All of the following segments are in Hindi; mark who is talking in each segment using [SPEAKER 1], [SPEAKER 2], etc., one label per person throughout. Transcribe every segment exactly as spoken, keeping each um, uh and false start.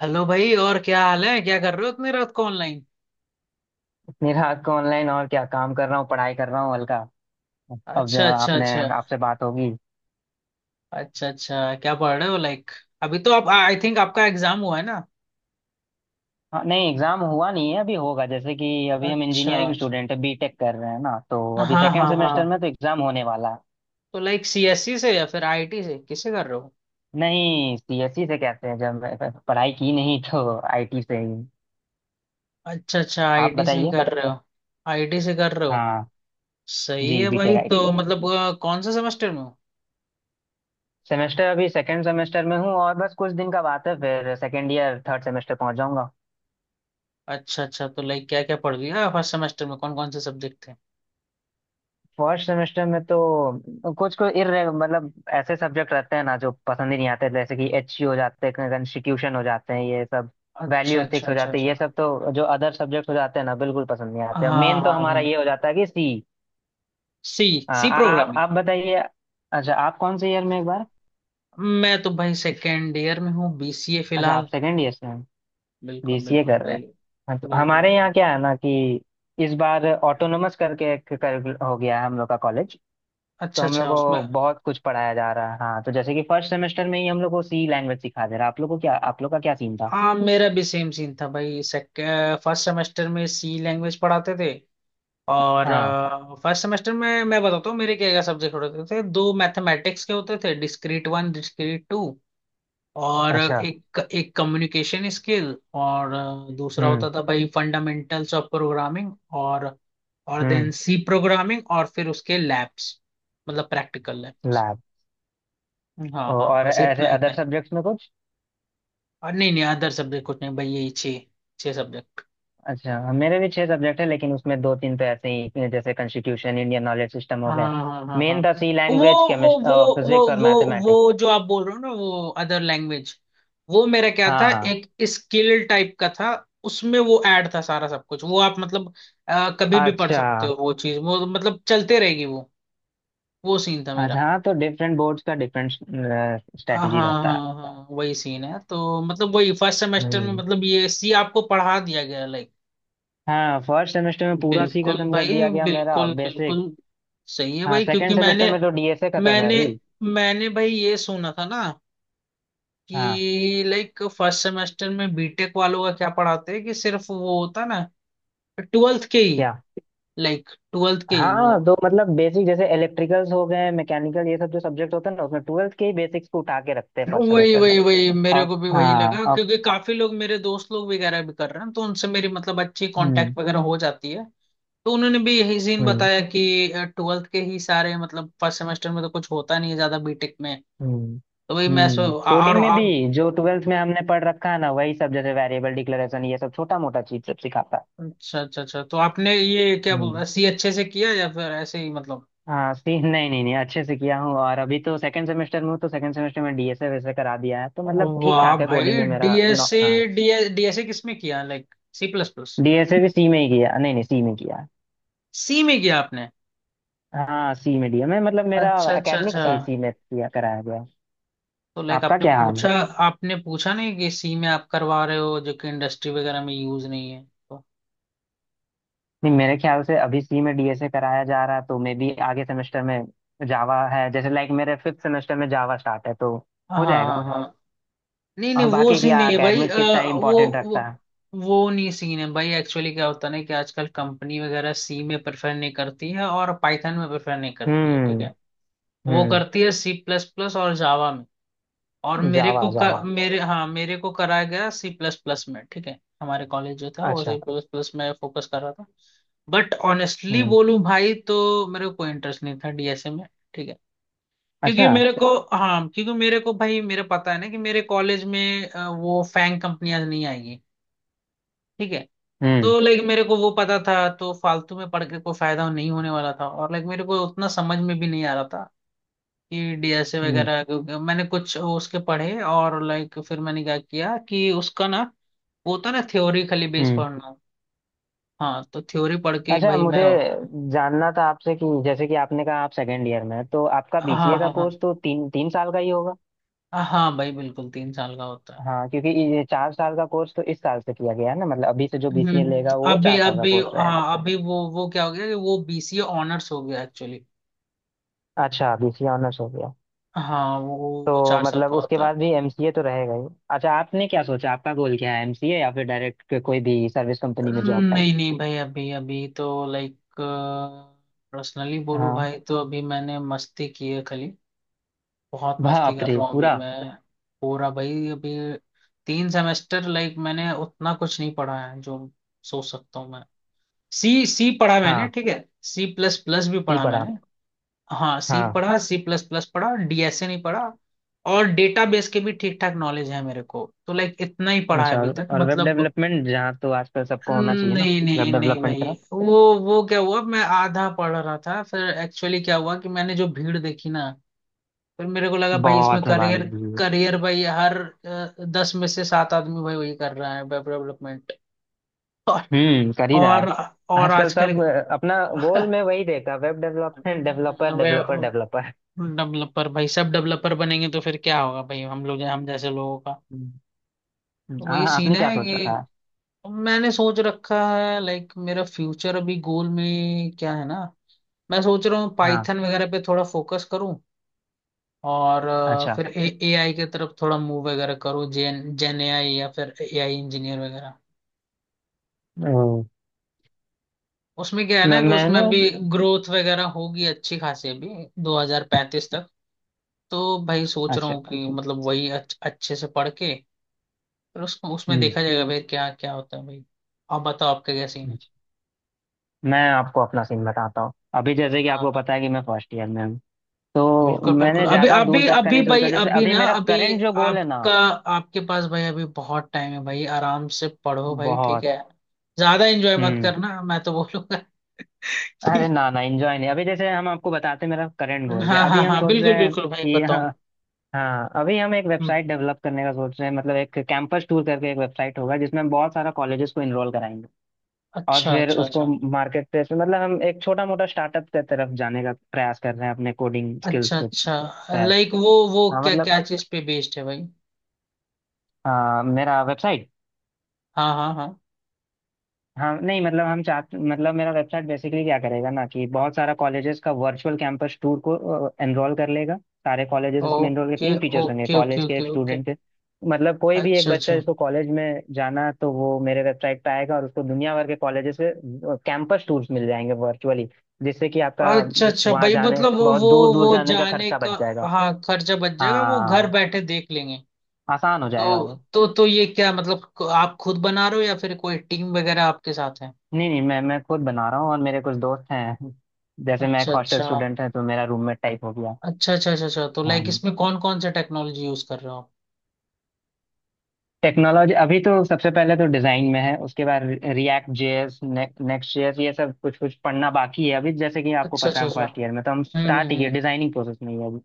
[SPEAKER 1] हेलो भाई। और क्या हाल है, क्या कर रहे हो इतनी रात को ऑनलाइन?
[SPEAKER 2] मेरा आपका ऑनलाइन। और क्या काम कर रहा हूँ, पढ़ाई कर रहा हूँ हल्का। अब आ,
[SPEAKER 1] अच्छा अच्छा
[SPEAKER 2] आपने
[SPEAKER 1] अच्छा
[SPEAKER 2] आपसे बात होगी।
[SPEAKER 1] अच्छा अच्छा। क्या पढ़ रहे हो, लाइक? अभी तो आप आई थिंक आपका एग्जाम हुआ है ना?
[SPEAKER 2] हाँ, नहीं एग्जाम हुआ नहीं है, अभी होगा। जैसे कि अभी हम
[SPEAKER 1] अच्छा
[SPEAKER 2] इंजीनियरिंग
[SPEAKER 1] अच्छा।
[SPEAKER 2] स्टूडेंट है, बीटेक कर रहे हैं ना, तो
[SPEAKER 1] हाँ
[SPEAKER 2] अभी सेकंड
[SPEAKER 1] हाँ हाँ।
[SPEAKER 2] सेमेस्टर में तो एग्जाम होने वाला है।
[SPEAKER 1] तो लाइक सीएससी से या फिर आईटी से किसे कर रहे हो?
[SPEAKER 2] नहीं सीएससी से कहते हैं, जब मैं प- पढ़ाई की नहीं, तो आईटी से ही।
[SPEAKER 1] अच्छा अच्छा,
[SPEAKER 2] आप
[SPEAKER 1] आईटी से ही
[SPEAKER 2] बताइए।
[SPEAKER 1] कर रहे हो? आईटी से कर रहे हो?
[SPEAKER 2] हाँ
[SPEAKER 1] सही
[SPEAKER 2] जी,
[SPEAKER 1] है भाई।
[SPEAKER 2] बीटेक
[SPEAKER 1] तो
[SPEAKER 2] आईटी
[SPEAKER 1] मतलब अ, कौन से सेमेस्टर में हो?
[SPEAKER 2] सेमेस्टर। अभी सेकंड सेमेस्टर में हूँ और बस कुछ दिन का बात है, फिर सेकंड ईयर थर्ड सेमेस्टर पहुंच जाऊंगा।
[SPEAKER 1] अच्छा अच्छा। तो लाइक क्या क्या पढ़ लिया फर्स्ट सेमेस्टर में, कौन कौन से सब्जेक्ट थे?
[SPEAKER 2] फर्स्ट सेमेस्टर में तो कुछ कुछ इर मतलब ऐसे सब्जेक्ट रहते हैं ना जो पसंद ही नहीं आते। जैसे कि एच हो जाते हैं, कंस्टिट्यूशन हो जाते हैं ये सब, वैल्यू
[SPEAKER 1] अच्छा अच्छा
[SPEAKER 2] एथिक्स हो
[SPEAKER 1] अच्छा
[SPEAKER 2] जाते हैं
[SPEAKER 1] अच्छा।
[SPEAKER 2] ये सब। तो जो अदर सब्जेक्ट हो जाते हैं ना, बिल्कुल पसंद नहीं आते।
[SPEAKER 1] हाँ
[SPEAKER 2] मेन तो
[SPEAKER 1] हाँ
[SPEAKER 2] हमारा
[SPEAKER 1] हाँ।
[SPEAKER 2] ये हो जाता है कि सी।
[SPEAKER 1] सी।
[SPEAKER 2] आ,
[SPEAKER 1] सी।
[SPEAKER 2] आ, आप आप बताइए। अच्छा, आप कौन से ईयर में, एक बार।
[SPEAKER 1] मैं तो भाई सेकेंड ईयर में हूँ, बीसीए
[SPEAKER 2] अच्छा, आप
[SPEAKER 1] फिलहाल।
[SPEAKER 2] सेकेंड ईयर से हैं।
[SPEAKER 1] बिल्कुल
[SPEAKER 2] बीसीए
[SPEAKER 1] बिल्कुल
[SPEAKER 2] कर रहे
[SPEAKER 1] भाई।
[SPEAKER 2] हैं। हाँ तो
[SPEAKER 1] बिल्कुल
[SPEAKER 2] हमारे
[SPEAKER 1] भाई।
[SPEAKER 2] यहाँ क्या है ना कि इस बार ऑटोनोमस करके एक कर, हो गया है हम लोग का कॉलेज। तो
[SPEAKER 1] अच्छा
[SPEAKER 2] हम
[SPEAKER 1] अच्छा,
[SPEAKER 2] लोग
[SPEAKER 1] उसमें।
[SPEAKER 2] को बहुत कुछ पढ़ाया जा रहा है। हाँ तो जैसे कि फर्स्ट सेमेस्टर में ही हम लोग को सी लैंग्वेज सिखा दे रहा है। आप लोग को क्या, आप लोग का क्या सीन था।
[SPEAKER 1] हाँ, मेरा भी सेम सीन था भाई, सेक फर्स्ट सेमेस्टर में सी लैंग्वेज पढ़ाते थे, और।
[SPEAKER 2] हाँ।
[SPEAKER 1] फर्स्ट सेमेस्टर में मैं बताता हूँ मेरे क्या क्या सब्जेक्ट होते थे। दो मैथमेटिक्स के होते थे, डिस्क्रीट वन डिस्क्रीट टू, और
[SPEAKER 2] अच्छा।
[SPEAKER 1] एक एक कम्युनिकेशन स्किल। और दूसरा
[SPEAKER 2] हम्म।
[SPEAKER 1] होता था भाई फंडामेंटल्स ऑफ प्रोग्रामिंग। और और देन
[SPEAKER 2] हम्म।
[SPEAKER 1] सी प्रोग्रामिंग और फिर उसके लैब्स, मतलब प्रैक्टिकल लैब्स।
[SPEAKER 2] लैब।
[SPEAKER 1] हाँ हाँ,
[SPEAKER 2] और
[SPEAKER 1] बस
[SPEAKER 2] ऐसे
[SPEAKER 1] इतना इतना
[SPEAKER 2] अदर
[SPEAKER 1] ही।
[SPEAKER 2] सब्जेक्ट्स में कुछ।
[SPEAKER 1] और नहीं नहीं, अदर सब्जेक्ट कुछ नहीं भाई, यही छः। छः सब्जेक्ट।
[SPEAKER 2] अच्छा, मेरे भी छह सब्जेक्ट है, लेकिन उसमें दो तीन तो ऐसे ही, जैसे कॉन्स्टिट्यूशन, इंडियन नॉलेज सिस्टम हो
[SPEAKER 1] हाँ
[SPEAKER 2] गए।
[SPEAKER 1] हाँ हाँ हाँ।
[SPEAKER 2] मेन था सी
[SPEAKER 1] वो
[SPEAKER 2] लैंग्वेज,
[SPEAKER 1] वो
[SPEAKER 2] केमिस्ट्री,
[SPEAKER 1] वो
[SPEAKER 2] फिजिक्स
[SPEAKER 1] वो
[SPEAKER 2] और
[SPEAKER 1] वो
[SPEAKER 2] मैथमेटिक्स।
[SPEAKER 1] वो जो आप बोल रहे हो ना, वो अदर लैंग्वेज। वो मेरा क्या
[SPEAKER 2] हाँ
[SPEAKER 1] था,
[SPEAKER 2] हाँ।
[SPEAKER 1] एक स्किल टाइप का था। उसमें वो ऐड था सारा सब कुछ। वो आप मतलब अ, कभी भी पढ़
[SPEAKER 2] अच्छा
[SPEAKER 1] सकते हो वो चीज। वो मतलब चलते रहेगी वो। वो सीन था
[SPEAKER 2] अच्छा।
[SPEAKER 1] मेरा।
[SPEAKER 2] हाँ तो डिफरेंट बोर्ड्स का डिफरेंट
[SPEAKER 1] हाँ
[SPEAKER 2] स्ट्रेटजी
[SPEAKER 1] हाँ
[SPEAKER 2] रहता है।
[SPEAKER 1] हाँ हाँ, वही सीन है। तो मतलब वही फर्स्ट सेमेस्टर में
[SPEAKER 2] हम्म।
[SPEAKER 1] मतलब ये सी आपको पढ़ा दिया गया, लाइक?
[SPEAKER 2] हाँ, फर्स्ट सेमेस्टर में पूरा सी
[SPEAKER 1] बिल्कुल
[SPEAKER 2] खत्म कर
[SPEAKER 1] भाई,
[SPEAKER 2] दिया गया, मेरा
[SPEAKER 1] बिल्कुल बिल्कुल।
[SPEAKER 2] बेसिक।
[SPEAKER 1] सही है
[SPEAKER 2] हाँ,
[SPEAKER 1] भाई, क्योंकि
[SPEAKER 2] सेकेंड सेमेस्टर
[SPEAKER 1] मैंने
[SPEAKER 2] में तो डीएसए खत्म है
[SPEAKER 1] मैंने
[SPEAKER 2] अभी।
[SPEAKER 1] मैंने भाई ये सुना था ना
[SPEAKER 2] हाँ।
[SPEAKER 1] कि लाइक फर्स्ट सेमेस्टर में बीटेक वालों का क्या पढ़ाते हैं, कि सिर्फ वो होता है ना, ट्वेल्थ के ही।
[SPEAKER 2] क्या।
[SPEAKER 1] लाइक ट्वेल्थ के ही वो।
[SPEAKER 2] हाँ तो मतलब बेसिक जैसे इलेक्ट्रिकल्स हो गए, मैकेनिकल, ये सब जो सब्जेक्ट होते हैं ना, उसमें ट्वेल्थ के ही बेसिक्स को उठा के रखते हैं फर्स्ट
[SPEAKER 1] वही
[SPEAKER 2] सेमेस्टर में।
[SPEAKER 1] वही वही मेरे
[SPEAKER 2] और।
[SPEAKER 1] को भी वही
[SPEAKER 2] हाँ
[SPEAKER 1] लगा,
[SPEAKER 2] और।
[SPEAKER 1] क्योंकि काफी लोग मेरे दोस्त लोग वगैरह भी कर रहे हैं, तो उनसे मेरी मतलब अच्छी
[SPEAKER 2] हम्म।
[SPEAKER 1] कांटेक्ट वगैरह हो जाती है। तो उन्होंने भी यही सीन
[SPEAKER 2] हम्म।
[SPEAKER 1] बताया कि ट्वेल्थ के ही सारे, मतलब फर्स्ट सेमेस्टर में तो कुछ होता नहीं है ज्यादा बीटेक में।
[SPEAKER 2] हम्म।
[SPEAKER 1] तो वही मैं, सो।
[SPEAKER 2] हम्म,
[SPEAKER 1] और
[SPEAKER 2] कोडिंग में भी
[SPEAKER 1] आप?
[SPEAKER 2] जो ट्वेल्थ में हमने पढ़ रखा है ना, वही सब जैसे वेरिएबल डिक्लेरेशन, ये सब छोटा मोटा चीज सब सिखाता है।
[SPEAKER 1] अच्छा अच्छा अच्छा। तो आपने ये क्या
[SPEAKER 2] हम्म।
[SPEAKER 1] बोल सी अच्छे से किया या फिर ऐसे ही, मतलब?
[SPEAKER 2] हाँ सी, नहीं नहीं नहीं अच्छे से किया हूँ। और अभी तो सेकंड सेमेस्टर में हूँ, तो सेकंड सेमेस्टर में डीएसए वैसे करा दिया है, तो मतलब ठीक
[SPEAKER 1] वाह
[SPEAKER 2] ठाक है कोडिंग
[SPEAKER 1] भाई।
[SPEAKER 2] में मेरा। नौ-
[SPEAKER 1] डीएसए
[SPEAKER 2] हाँ।
[SPEAKER 1] डीएस डीएसए किस में किया, like C plus plus?
[SPEAKER 2] DSA भी सी में ही किया, नहीं नहीं सी में किया है।
[SPEAKER 1] सी में किया आपने?
[SPEAKER 2] हाँ सी में दिया मैं, मतलब मेरा
[SPEAKER 1] अच्छा अच्छा अच्छा।
[SPEAKER 2] एकेडमिक्स ही सी में किया कराया गया है।
[SPEAKER 1] तो लाइक
[SPEAKER 2] आपका
[SPEAKER 1] आपने
[SPEAKER 2] क्या हाल
[SPEAKER 1] पूछा।
[SPEAKER 2] है।
[SPEAKER 1] आपने पूछा नहीं कि सी में आप करवा रहे हो जो कि इंडस्ट्री वगैरह में यूज नहीं है, तो।
[SPEAKER 2] नहीं, मेरे ख्याल से अभी सी में डीएसए कराया जा रहा है, तो मे भी आगे सेमेस्टर में जावा है, जैसे लाइक मेरे फिफ्थ सेमेस्टर में जावा स्टार्ट है, तो
[SPEAKER 1] हाँ
[SPEAKER 2] हो
[SPEAKER 1] हाँ
[SPEAKER 2] जाएगा।
[SPEAKER 1] हाँ। नहीं नहीं,
[SPEAKER 2] और
[SPEAKER 1] वो
[SPEAKER 2] बाकी
[SPEAKER 1] सीन
[SPEAKER 2] क्या,
[SPEAKER 1] नहीं है भाई,
[SPEAKER 2] एकेडमिक्स
[SPEAKER 1] अ,
[SPEAKER 2] कितना ही
[SPEAKER 1] वो
[SPEAKER 2] इम्पोर्टेंट रखता
[SPEAKER 1] वो
[SPEAKER 2] है।
[SPEAKER 1] वो नहीं सीन है भाई। एक्चुअली क्या होता है ना कि आजकल कंपनी वगैरह सी में प्रेफर नहीं करती है, और पाइथन में प्रेफर नहीं करती है, ठीक
[SPEAKER 2] हम्म।
[SPEAKER 1] है। वो
[SPEAKER 2] हम्म।
[SPEAKER 1] करती है सी प्लस प्लस और जावा में। और मेरे
[SPEAKER 2] जावा
[SPEAKER 1] को कर, और
[SPEAKER 2] जावा
[SPEAKER 1] मेरे हाँ मेरे को कराया गया सी प्लस प्लस में, ठीक है। हमारे कॉलेज जो था वो
[SPEAKER 2] अच्छा।
[SPEAKER 1] सी प्लस प्लस में फोकस कर रहा था। But honestly
[SPEAKER 2] hmm.
[SPEAKER 1] बोलूं भाई तो मेरे को कोई इंटरेस्ट नहीं था डीएसए में, ठीक है। क्योंकि
[SPEAKER 2] अच्छा।
[SPEAKER 1] मेरे को हाँ क्योंकि मेरे को भाई, मेरे पता है ना कि मेरे कॉलेज में अ, वो फैंग कंपनियां नहीं आएंगी, ठीक है।
[SPEAKER 2] हम्म।
[SPEAKER 1] तो लाइक मेरे को वो पता था। तो फालतू में पढ़ के कोई फायदा नहीं होने वाला था, और लाइक मेरे को उतना समझ में भी नहीं आ रहा था कि डीएसए
[SPEAKER 2] हम्म।
[SPEAKER 1] वगैरह, क्योंकि मैंने कुछ उसके पढ़े। और लाइक फिर मैंने क्या किया कि उसका ना, वो होता ना, थ्योरी खाली बेस
[SPEAKER 2] हम्म।
[SPEAKER 1] पढ़ना। हाँ तो थ्योरी पढ़ के ही
[SPEAKER 2] अच्छा,
[SPEAKER 1] भाई मैं,
[SPEAKER 2] मुझे
[SPEAKER 1] हाँ।
[SPEAKER 2] जानना था आपसे कि जैसे कि आपने कहा आप सेकेंड ईयर में हैं, तो आपका
[SPEAKER 1] हाँ
[SPEAKER 2] बीसीए का
[SPEAKER 1] हाँ
[SPEAKER 2] कोर्स तो तीन तीन साल का ही होगा।
[SPEAKER 1] हाँ हाँ, भाई बिल्कुल तीन साल का होता है।
[SPEAKER 2] हाँ, क्योंकि ये चार साल का कोर्स तो इस साल से किया गया है ना, मतलब अभी से जो
[SPEAKER 1] हम्म
[SPEAKER 2] बीसीए
[SPEAKER 1] हम्म,
[SPEAKER 2] लेगा वो
[SPEAKER 1] अभी
[SPEAKER 2] चार साल का
[SPEAKER 1] अभी
[SPEAKER 2] कोर्स रहेगा।
[SPEAKER 1] हाँ अभी, वो वो क्या हो गया कि वो बीसीए ऑनर्स हो गया एक्चुअली।
[SPEAKER 2] अच्छा, बीसीए ऑनर्स हो गया।
[SPEAKER 1] हाँ वो वो
[SPEAKER 2] तो
[SPEAKER 1] चार साल
[SPEAKER 2] मतलब
[SPEAKER 1] का
[SPEAKER 2] उसके
[SPEAKER 1] होता
[SPEAKER 2] बाद भी
[SPEAKER 1] है।
[SPEAKER 2] एमसीए तो रहेगा ही। अच्छा, आपने क्या सोचा, आपका गोल क्या है, एमसीए या फिर डायरेक्ट कोई भी सर्विस कंपनी में जॉब टाइप।
[SPEAKER 1] नहीं नहीं भाई, अभी अभी तो लाइक पर्सनली बोलूं
[SPEAKER 2] हाँ।
[SPEAKER 1] भाई तो अभी मैंने मस्ती की है खाली। बहुत मस्ती
[SPEAKER 2] बाप
[SPEAKER 1] कर
[SPEAKER 2] रे,
[SPEAKER 1] रहा हूँ अभी
[SPEAKER 2] पूरा।
[SPEAKER 1] मैं। पूरा भाई अभी। तीन सेमेस्टर लाइक मैंने उतना कुछ नहीं पढ़ा है जो सोच सकता हूँ मैं। सी सी पढ़ा मैंने,
[SPEAKER 2] हाँ
[SPEAKER 1] ठीक है। सी प्लस प्लस भी
[SPEAKER 2] सी
[SPEAKER 1] पढ़ा
[SPEAKER 2] पढ़ा।
[SPEAKER 1] मैंने। हाँ, सी
[SPEAKER 2] हाँ।
[SPEAKER 1] पढ़ा, सी प्लस प्लस पढ़ा, डीएसए नहीं पढ़ा। और डेटाबेस के भी ठीक ठाक नॉलेज है मेरे को, तो लाइक इतना ही पढ़ा है
[SPEAKER 2] अच्छा
[SPEAKER 1] अभी
[SPEAKER 2] और,
[SPEAKER 1] तक,
[SPEAKER 2] और वेब
[SPEAKER 1] मतलब।
[SPEAKER 2] डेवलपमेंट जहाँ तो आजकल सबको होना चाहिए ना।
[SPEAKER 1] नहीं नहीं
[SPEAKER 2] वेब
[SPEAKER 1] नहीं
[SPEAKER 2] डेवलपमेंट
[SPEAKER 1] भाई। वो वो क्या हुआ, मैं आधा पढ़ रहा था, फिर एक्चुअली क्या हुआ कि मैंने जो भीड़ देखी ना, फिर मेरे को लगा भाई इसमें
[SPEAKER 2] बहुत है भाई
[SPEAKER 1] करियर।
[SPEAKER 2] जी।
[SPEAKER 1] करियर भाई, हर अ, दस में से सात आदमी भाई वही कर रहा है, वेब डेवलपमेंट। और
[SPEAKER 2] हम्म, कर ही रहा है।
[SPEAKER 1] और और
[SPEAKER 2] आजकल
[SPEAKER 1] आजकल
[SPEAKER 2] सब अ, अपना गोल में वही देखा, web development, developer developer
[SPEAKER 1] web
[SPEAKER 2] developer
[SPEAKER 1] developer भाई। सब डेवलपर बनेंगे तो फिर क्या होगा भाई, हम लोग हम जैसे लोगों का?
[SPEAKER 2] हम्म।
[SPEAKER 1] तो
[SPEAKER 2] हाँ,
[SPEAKER 1] वही सीन
[SPEAKER 2] आपने क्या
[SPEAKER 1] है
[SPEAKER 2] सोच रखा है।
[SPEAKER 1] कि मैंने सोच रखा है, लाइक मेरा फ्यूचर अभी गोल में क्या है ना। मैं सोच रहा हूँ
[SPEAKER 2] हाँ।
[SPEAKER 1] पाइथन वगैरह पे थोड़ा फोकस करूँ। और अ,
[SPEAKER 2] अच्छा।
[SPEAKER 1] फिर ए आई की तरफ थोड़ा मूव वगैरह करो, जेन जेन ए आई या फिर ए आई इंजीनियर वगैरह।
[SPEAKER 2] ओ,
[SPEAKER 1] उसमें क्या है ना
[SPEAKER 2] मैं
[SPEAKER 1] कि
[SPEAKER 2] मैंने।
[SPEAKER 1] उसमें भी ग्रोथ वगैरह होगी अच्छी खासी, अभी दो हज़ार पैंतीस तक। तो भाई सोच रहा
[SPEAKER 2] अच्छा।
[SPEAKER 1] हूँ कि मतलब वही अच्छ, अच्छे से पढ़ के, फिर उसको उसमें
[SPEAKER 2] हम्म।
[SPEAKER 1] देखा जाएगा भाई, क्या क्या होता है भाई। आप बताओ आपका क्या सीन है?
[SPEAKER 2] अच्छा, मैं आपको अपना सीन बताता हूँ। अभी जैसे कि आपको
[SPEAKER 1] हाँ
[SPEAKER 2] पता है कि मैं फर्स्ट ईयर में हूँ, तो
[SPEAKER 1] बिल्कुल बिल्कुल,
[SPEAKER 2] मैंने
[SPEAKER 1] अभी
[SPEAKER 2] ज्यादा दूर
[SPEAKER 1] अभी
[SPEAKER 2] तक का
[SPEAKER 1] अभी
[SPEAKER 2] नहीं सोचा।
[SPEAKER 1] भाई
[SPEAKER 2] जैसे
[SPEAKER 1] अभी
[SPEAKER 2] अभी
[SPEAKER 1] ना
[SPEAKER 2] मेरा
[SPEAKER 1] अभी
[SPEAKER 2] करंट जो गोल है ना,
[SPEAKER 1] आपका, आपके पास भाई अभी बहुत टाइम है भाई, आराम से पढ़ो भाई, ठीक
[SPEAKER 2] बहुत।
[SPEAKER 1] है। ज्यादा एंजॉय मत
[SPEAKER 2] हम्म।
[SPEAKER 1] करना मैं तो बोलूंगा
[SPEAKER 2] अरे
[SPEAKER 1] कि।
[SPEAKER 2] ना ना, एंजॉय नहीं। अभी जैसे हम आपको बताते हैं मेरा करंट गोल क्या
[SPEAKER 1] हाँ
[SPEAKER 2] है। अभी
[SPEAKER 1] हाँ
[SPEAKER 2] हम
[SPEAKER 1] हाँ,
[SPEAKER 2] सोच
[SPEAKER 1] बिल्कुल
[SPEAKER 2] रहे हैं
[SPEAKER 1] बिल्कुल भाई,
[SPEAKER 2] कि
[SPEAKER 1] बताओ।
[SPEAKER 2] हाँ, अभी हम एक
[SPEAKER 1] हम्म,
[SPEAKER 2] वेबसाइट डेवलप करने का सोच रहे हैं। मतलब एक कैंपस टूर करके एक वेबसाइट होगा, जिसमें हम बहुत सारा कॉलेजेस को इनरोल कराएंगे। और
[SPEAKER 1] अच्छा
[SPEAKER 2] फिर
[SPEAKER 1] अच्छा
[SPEAKER 2] उसको
[SPEAKER 1] अच्छा।
[SPEAKER 2] मार्केट प्लेस में, मतलब हम एक छोटा मोटा स्टार्टअप की तरफ जाने का प्रयास कर रहे हैं अपने कोडिंग स्किल्स
[SPEAKER 1] अच्छा
[SPEAKER 2] के
[SPEAKER 1] अच्छा,
[SPEAKER 2] तहत।
[SPEAKER 1] लाइक वो वो
[SPEAKER 2] हाँ
[SPEAKER 1] क्या
[SPEAKER 2] मतलब
[SPEAKER 1] क्या चीज पे बेस्ड है भाई?
[SPEAKER 2] आ, मेरा वेबसाइट।
[SPEAKER 1] हाँ हाँ हाँ।
[SPEAKER 2] हाँ नहीं मतलब हम चाहते, मतलब मेरा वेबसाइट बेसिकली क्या करेगा ना, कि बहुत सारा कॉलेजेस का वर्चुअल कैंपस टूर को एनरोल कर लेगा। सारे कॉलेजेस इसमें एनरोल के
[SPEAKER 1] ओके
[SPEAKER 2] तीन फीचर्स होंगे,
[SPEAKER 1] ओके ओके
[SPEAKER 2] कॉलेज के,
[SPEAKER 1] ओके
[SPEAKER 2] एक
[SPEAKER 1] ओके।
[SPEAKER 2] स्टूडेंट के। मतलब कोई भी एक
[SPEAKER 1] अच्छा
[SPEAKER 2] बच्चा
[SPEAKER 1] अच्छा
[SPEAKER 2] जिसको कॉलेज में जाना है, तो वो मेरे वेबसाइट पे आएगा और उसको दुनिया भर के कॉलेजेस से कैंपस टूर्स मिल जाएंगे, वर्चुअली। जिससे कि आपका
[SPEAKER 1] अच्छा अच्छा
[SPEAKER 2] वहाँ
[SPEAKER 1] भाई,
[SPEAKER 2] जाने,
[SPEAKER 1] मतलब वो
[SPEAKER 2] बहुत
[SPEAKER 1] वो
[SPEAKER 2] दूर दूर
[SPEAKER 1] वो
[SPEAKER 2] जाने का
[SPEAKER 1] जाने
[SPEAKER 2] खर्चा
[SPEAKER 1] का।
[SPEAKER 2] बच जाएगा।
[SPEAKER 1] हाँ खर्चा बच जाएगा, वो घर
[SPEAKER 2] हाँ,
[SPEAKER 1] बैठे देख लेंगे।
[SPEAKER 2] आसान हो जाएगा
[SPEAKER 1] तो
[SPEAKER 2] वो।
[SPEAKER 1] तो तो ये क्या मतलब, आप खुद बना रहे हो या फिर कोई टीम वगैरह आपके साथ है?
[SPEAKER 2] नहीं नहीं मैं मैं खुद बना रहा हूँ और मेरे कुछ दोस्त हैं। जैसे मैं एक
[SPEAKER 1] अच्छा
[SPEAKER 2] हॉस्टल
[SPEAKER 1] अच्छा
[SPEAKER 2] स्टूडेंट है, तो मेरा रूममेट टाइप हो गया।
[SPEAKER 1] अच्छा अच्छा अच्छा अच्छा। तो लाइक
[SPEAKER 2] हाँ।
[SPEAKER 1] इसमें कौन कौन सा टेक्नोलॉजी यूज कर रहे हो आप?
[SPEAKER 2] टेक्नोलॉजी अभी तो सबसे पहले तो डिजाइन में है। उसके बाद रिएक्ट जेएस, नेक्स्ट जेएस, ये सब कुछ कुछ पढ़ना बाकी है अभी। जैसे कि आपको
[SPEAKER 1] अच्छा
[SPEAKER 2] पता
[SPEAKER 1] अच्छा
[SPEAKER 2] है, हम
[SPEAKER 1] अच्छा।
[SPEAKER 2] फर्स्ट ईयर में तो हम
[SPEAKER 1] हम्म हम्म
[SPEAKER 2] स्टार्ट ही किए,
[SPEAKER 1] हम्म।
[SPEAKER 2] डिजाइनिंग प्रोसेस में ही है अभी।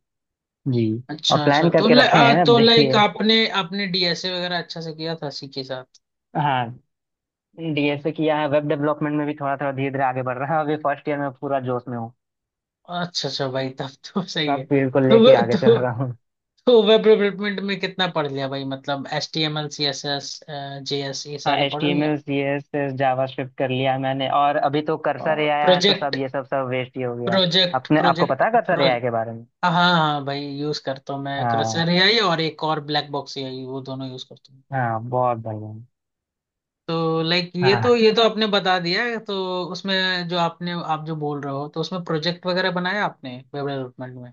[SPEAKER 2] जी, और
[SPEAKER 1] अच्छा अच्छा,
[SPEAKER 2] प्लान
[SPEAKER 1] तो
[SPEAKER 2] करके
[SPEAKER 1] ल,
[SPEAKER 2] रखे
[SPEAKER 1] आ,
[SPEAKER 2] हैं, अब
[SPEAKER 1] तो लाइक
[SPEAKER 2] देखिए।
[SPEAKER 1] आपने आपने डीएसए वगैरह अच्छा से किया था सी के साथ?
[SPEAKER 2] हाँ, डीएसए किया है, वेब डेवलपमेंट में भी थोड़ा थोड़ा धीरे धीरे आगे बढ़ रहा है। अभी फर्स्ट ईयर में पूरा जोश में हूँ,
[SPEAKER 1] अच्छा अच्छा भाई, तब तो सही
[SPEAKER 2] सब
[SPEAKER 1] है।
[SPEAKER 2] फील्ड को
[SPEAKER 1] तो वो-
[SPEAKER 2] लेके आगे चल
[SPEAKER 1] तो
[SPEAKER 2] रहा।
[SPEAKER 1] तो वेब डेवलपमेंट में कितना पढ़ लिया भाई, मतलब H T M L C S S J S, ये
[SPEAKER 2] हाँ
[SPEAKER 1] सारे
[SPEAKER 2] एच
[SPEAKER 1] पढ़
[SPEAKER 2] टी एम
[SPEAKER 1] लिया?
[SPEAKER 2] L, C S S, JavaScript कर लिया मैंने। और अभी तो कर्सर ए आया है, तो
[SPEAKER 1] प्रोजेक्ट
[SPEAKER 2] सब ये सब सब वेस्ट ही हो गया।
[SPEAKER 1] प्रोजेक्ट
[SPEAKER 2] अपने आपको
[SPEAKER 1] प्रोजेक्ट।
[SPEAKER 2] पता है कर्सर ए आई के
[SPEAKER 1] हाँ
[SPEAKER 2] बारे में।
[SPEAKER 1] हाँ हाँ, भाई यूज करता हूँ मैं
[SPEAKER 2] हाँ।
[SPEAKER 1] क्रशर एआई और एक और ब्लैक बॉक्स एआई, वो दोनों यूज करता हूँ।
[SPEAKER 2] हाँ, बहुत बढ़िया।
[SPEAKER 1] तो लाइक ये तो
[SPEAKER 2] हाँ,
[SPEAKER 1] ये तो आपने बता दिया है, तो उसमें जो आपने, आप जो बोल रहे हो तो उसमें प्रोजेक्ट वगैरह बनाया आपने वेब डेवलपमेंट में?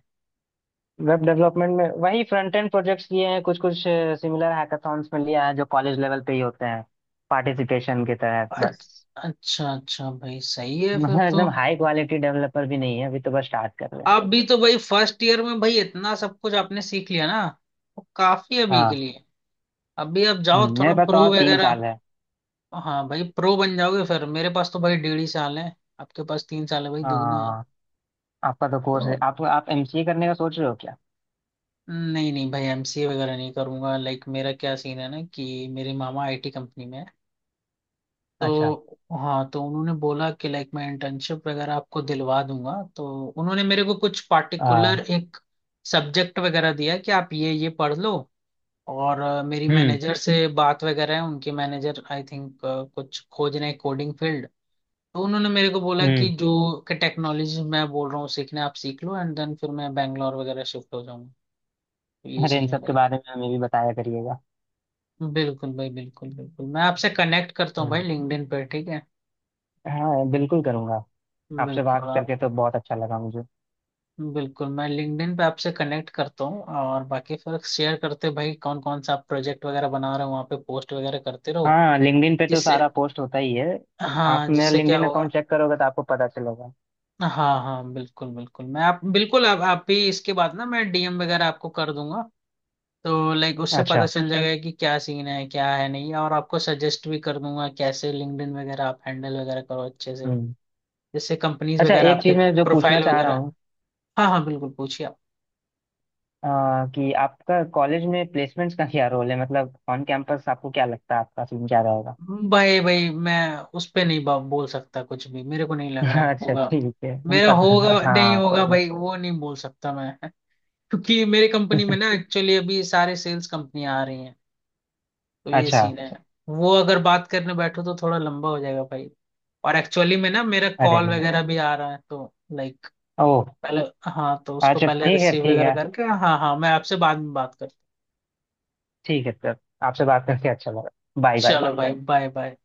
[SPEAKER 2] वेब डेवलपमेंट में वही फ्रंट एंड प्रोजेक्ट्स किए हैं, कुछ कुछ सिमिलर हैकाथॉन्स में लिया है जो कॉलेज लेवल पे ही होते हैं, पार्टिसिपेशन के तहत
[SPEAKER 1] अच्छ-
[SPEAKER 2] बस।
[SPEAKER 1] अच्छा अच्छा भाई, सही है फिर
[SPEAKER 2] मतलब
[SPEAKER 1] तो।
[SPEAKER 2] एकदम हाई क्वालिटी डेवलपर भी नहीं है, अभी तो बस स्टार्ट कर रहे हैं।
[SPEAKER 1] आप भी तो भाई फर्स्ट ईयर में भाई इतना सब कुछ आपने सीख लिया ना, वो काफी है अभी के
[SPEAKER 2] हाँ।
[SPEAKER 1] लिए। अभी आप जाओ
[SPEAKER 2] हम्म,
[SPEAKER 1] थोड़ा
[SPEAKER 2] मेरे पास तो
[SPEAKER 1] प्रो
[SPEAKER 2] और तीन
[SPEAKER 1] वगैरह।
[SPEAKER 2] साल है।
[SPEAKER 1] हाँ भाई, प्रो बन जाओगे फिर, मेरे पास तो भाई डेढ़ ही साल है। आपके पास तीन साल है भाई, दुगने
[SPEAKER 2] हाँ, आपका तो कोर्स है।
[SPEAKER 1] है।
[SPEAKER 2] आप आप एमसीए करने का सोच रहे हो क्या।
[SPEAKER 1] नहीं नहीं भाई एमसीए वगैरह नहीं करूंगा, लाइक मेरा क्या सीन है ना कि मेरे मामा आईटी कंपनी में है।
[SPEAKER 2] अच्छा।
[SPEAKER 1] तो हाँ तो उन्होंने बोला कि लाइक मैं इंटर्नशिप वगैरह आपको दिलवा दूंगा, तो उन्होंने मेरे को कुछ पार्टिकुलर
[SPEAKER 2] हाँ।
[SPEAKER 1] एक सब्जेक्ट वगैरह दिया कि आप ये ये पढ़ लो। और अ, मेरी
[SPEAKER 2] हम्म।
[SPEAKER 1] मैनेजर से बात वगैरह है, उनके मैनेजर आई थिंक कुछ खोज रहे कोडिंग फील्ड। तो उन्होंने मेरे को बोला कि
[SPEAKER 2] हम्म।
[SPEAKER 1] जो कि टेक्नोलॉजी मैं बोल रहा हूँ सीखने, आप सीख लो एंड देन फिर मैं बैंगलोर वगैरह शिफ्ट हो जाऊंगा। तो ये
[SPEAKER 2] अरे, इन
[SPEAKER 1] सीन
[SPEAKER 2] सब के
[SPEAKER 1] है।
[SPEAKER 2] बारे में हमें भी बताया करिएगा।
[SPEAKER 1] बिल्कुल भाई, बिल्कुल बिल्कुल, मैं आपसे कनेक्ट करता हूँ भाई
[SPEAKER 2] हम्म।
[SPEAKER 1] लिंक्डइन पे, ठीक है।
[SPEAKER 2] हाँ बिल्कुल करूंगा। आपसे
[SPEAKER 1] बिल्कुल
[SPEAKER 2] बात
[SPEAKER 1] आप
[SPEAKER 2] करके तो बहुत अच्छा लगा मुझे।
[SPEAKER 1] बिल्कुल, मैं लिंक्डइन पे आपसे कनेक्ट करता हूँ, और बाकी फिर शेयर करते भाई कौन कौन सा आप प्रोजेक्ट वगैरह बना रहे हो, वहाँ पे पोस्ट वगैरह करते रहो।
[SPEAKER 2] हाँ लिंक्डइन पे तो सारा
[SPEAKER 1] जिससे,
[SPEAKER 2] पोस्ट होता ही है। आप
[SPEAKER 1] हाँ
[SPEAKER 2] मेरा
[SPEAKER 1] जिससे क्या
[SPEAKER 2] लिंक्डइन
[SPEAKER 1] होगा।
[SPEAKER 2] अकाउंट चेक करोगे तो आपको पता चलेगा।
[SPEAKER 1] हाँ हाँ बिल्कुल बिल्कुल, मैं आप बिल्कुल आप आप भी इसके बाद ना मैं डीएम वगैरह आपको कर दूंगा। तो लाइक उससे पता
[SPEAKER 2] अच्छा।
[SPEAKER 1] चल जाएगा कि क्या सीन है क्या है नहीं, और आपको सजेस्ट भी कर दूंगा कैसे लिंक्डइन वगैरह आप हैंडल वगैरह करो अच्छे से,
[SPEAKER 2] हम्म।
[SPEAKER 1] जैसे कंपनीज
[SPEAKER 2] अच्छा,
[SPEAKER 1] वगैरह
[SPEAKER 2] एक
[SPEAKER 1] आपके
[SPEAKER 2] चीज मैं जो पूछना
[SPEAKER 1] प्रोफाइल
[SPEAKER 2] चाह रहा
[SPEAKER 1] वगैरह।
[SPEAKER 2] हूँ,
[SPEAKER 1] हाँ हाँ बिल्कुल, पूछिए आप।
[SPEAKER 2] आ, कि आपका कॉलेज में प्लेसमेंट्स का क्या रोल है, मतलब ऑन कैंपस आपको क्या लगता है, आपका सीन क्या रहेगा।
[SPEAKER 1] भाई भाई मैं उस पे नहीं बा- बोल सकता कुछ भी, मेरे को नहीं लग रहा
[SPEAKER 2] अच्छा
[SPEAKER 1] होगा।
[SPEAKER 2] ठीक है, हम
[SPEAKER 1] मेरा
[SPEAKER 2] पता।
[SPEAKER 1] होगा नहीं
[SPEAKER 2] हाँ
[SPEAKER 1] होगा
[SPEAKER 2] कोई
[SPEAKER 1] भाई, वो नहीं बोल सकता मैं क्योंकि मेरे कंपनी
[SPEAKER 2] नहीं।
[SPEAKER 1] में ना एक्चुअली अभी सारे सेल्स कंपनियां आ रही हैं। तो ये
[SPEAKER 2] अच्छा।
[SPEAKER 1] सीन है। वो अगर बात करने बैठो तो थोड़ा लंबा हो जाएगा भाई। और एक्चुअली में ना मेरा
[SPEAKER 2] अरे
[SPEAKER 1] कॉल
[SPEAKER 2] नहीं।
[SPEAKER 1] वगैरह भी आ रहा है, तो लाइक
[SPEAKER 2] ओह।
[SPEAKER 1] पहले, हाँ तो उसको
[SPEAKER 2] अच्छा
[SPEAKER 1] पहले
[SPEAKER 2] ठीक है,
[SPEAKER 1] रिसीव
[SPEAKER 2] ठीक
[SPEAKER 1] वगैरह
[SPEAKER 2] है।
[SPEAKER 1] करके, हाँ हाँ मैं आपसे बाद में बात करता हूँ।
[SPEAKER 2] ठीक है सर, आपसे बात करके अच्छा लगा। Bye bye.
[SPEAKER 1] चलो भाई, बाय बाय।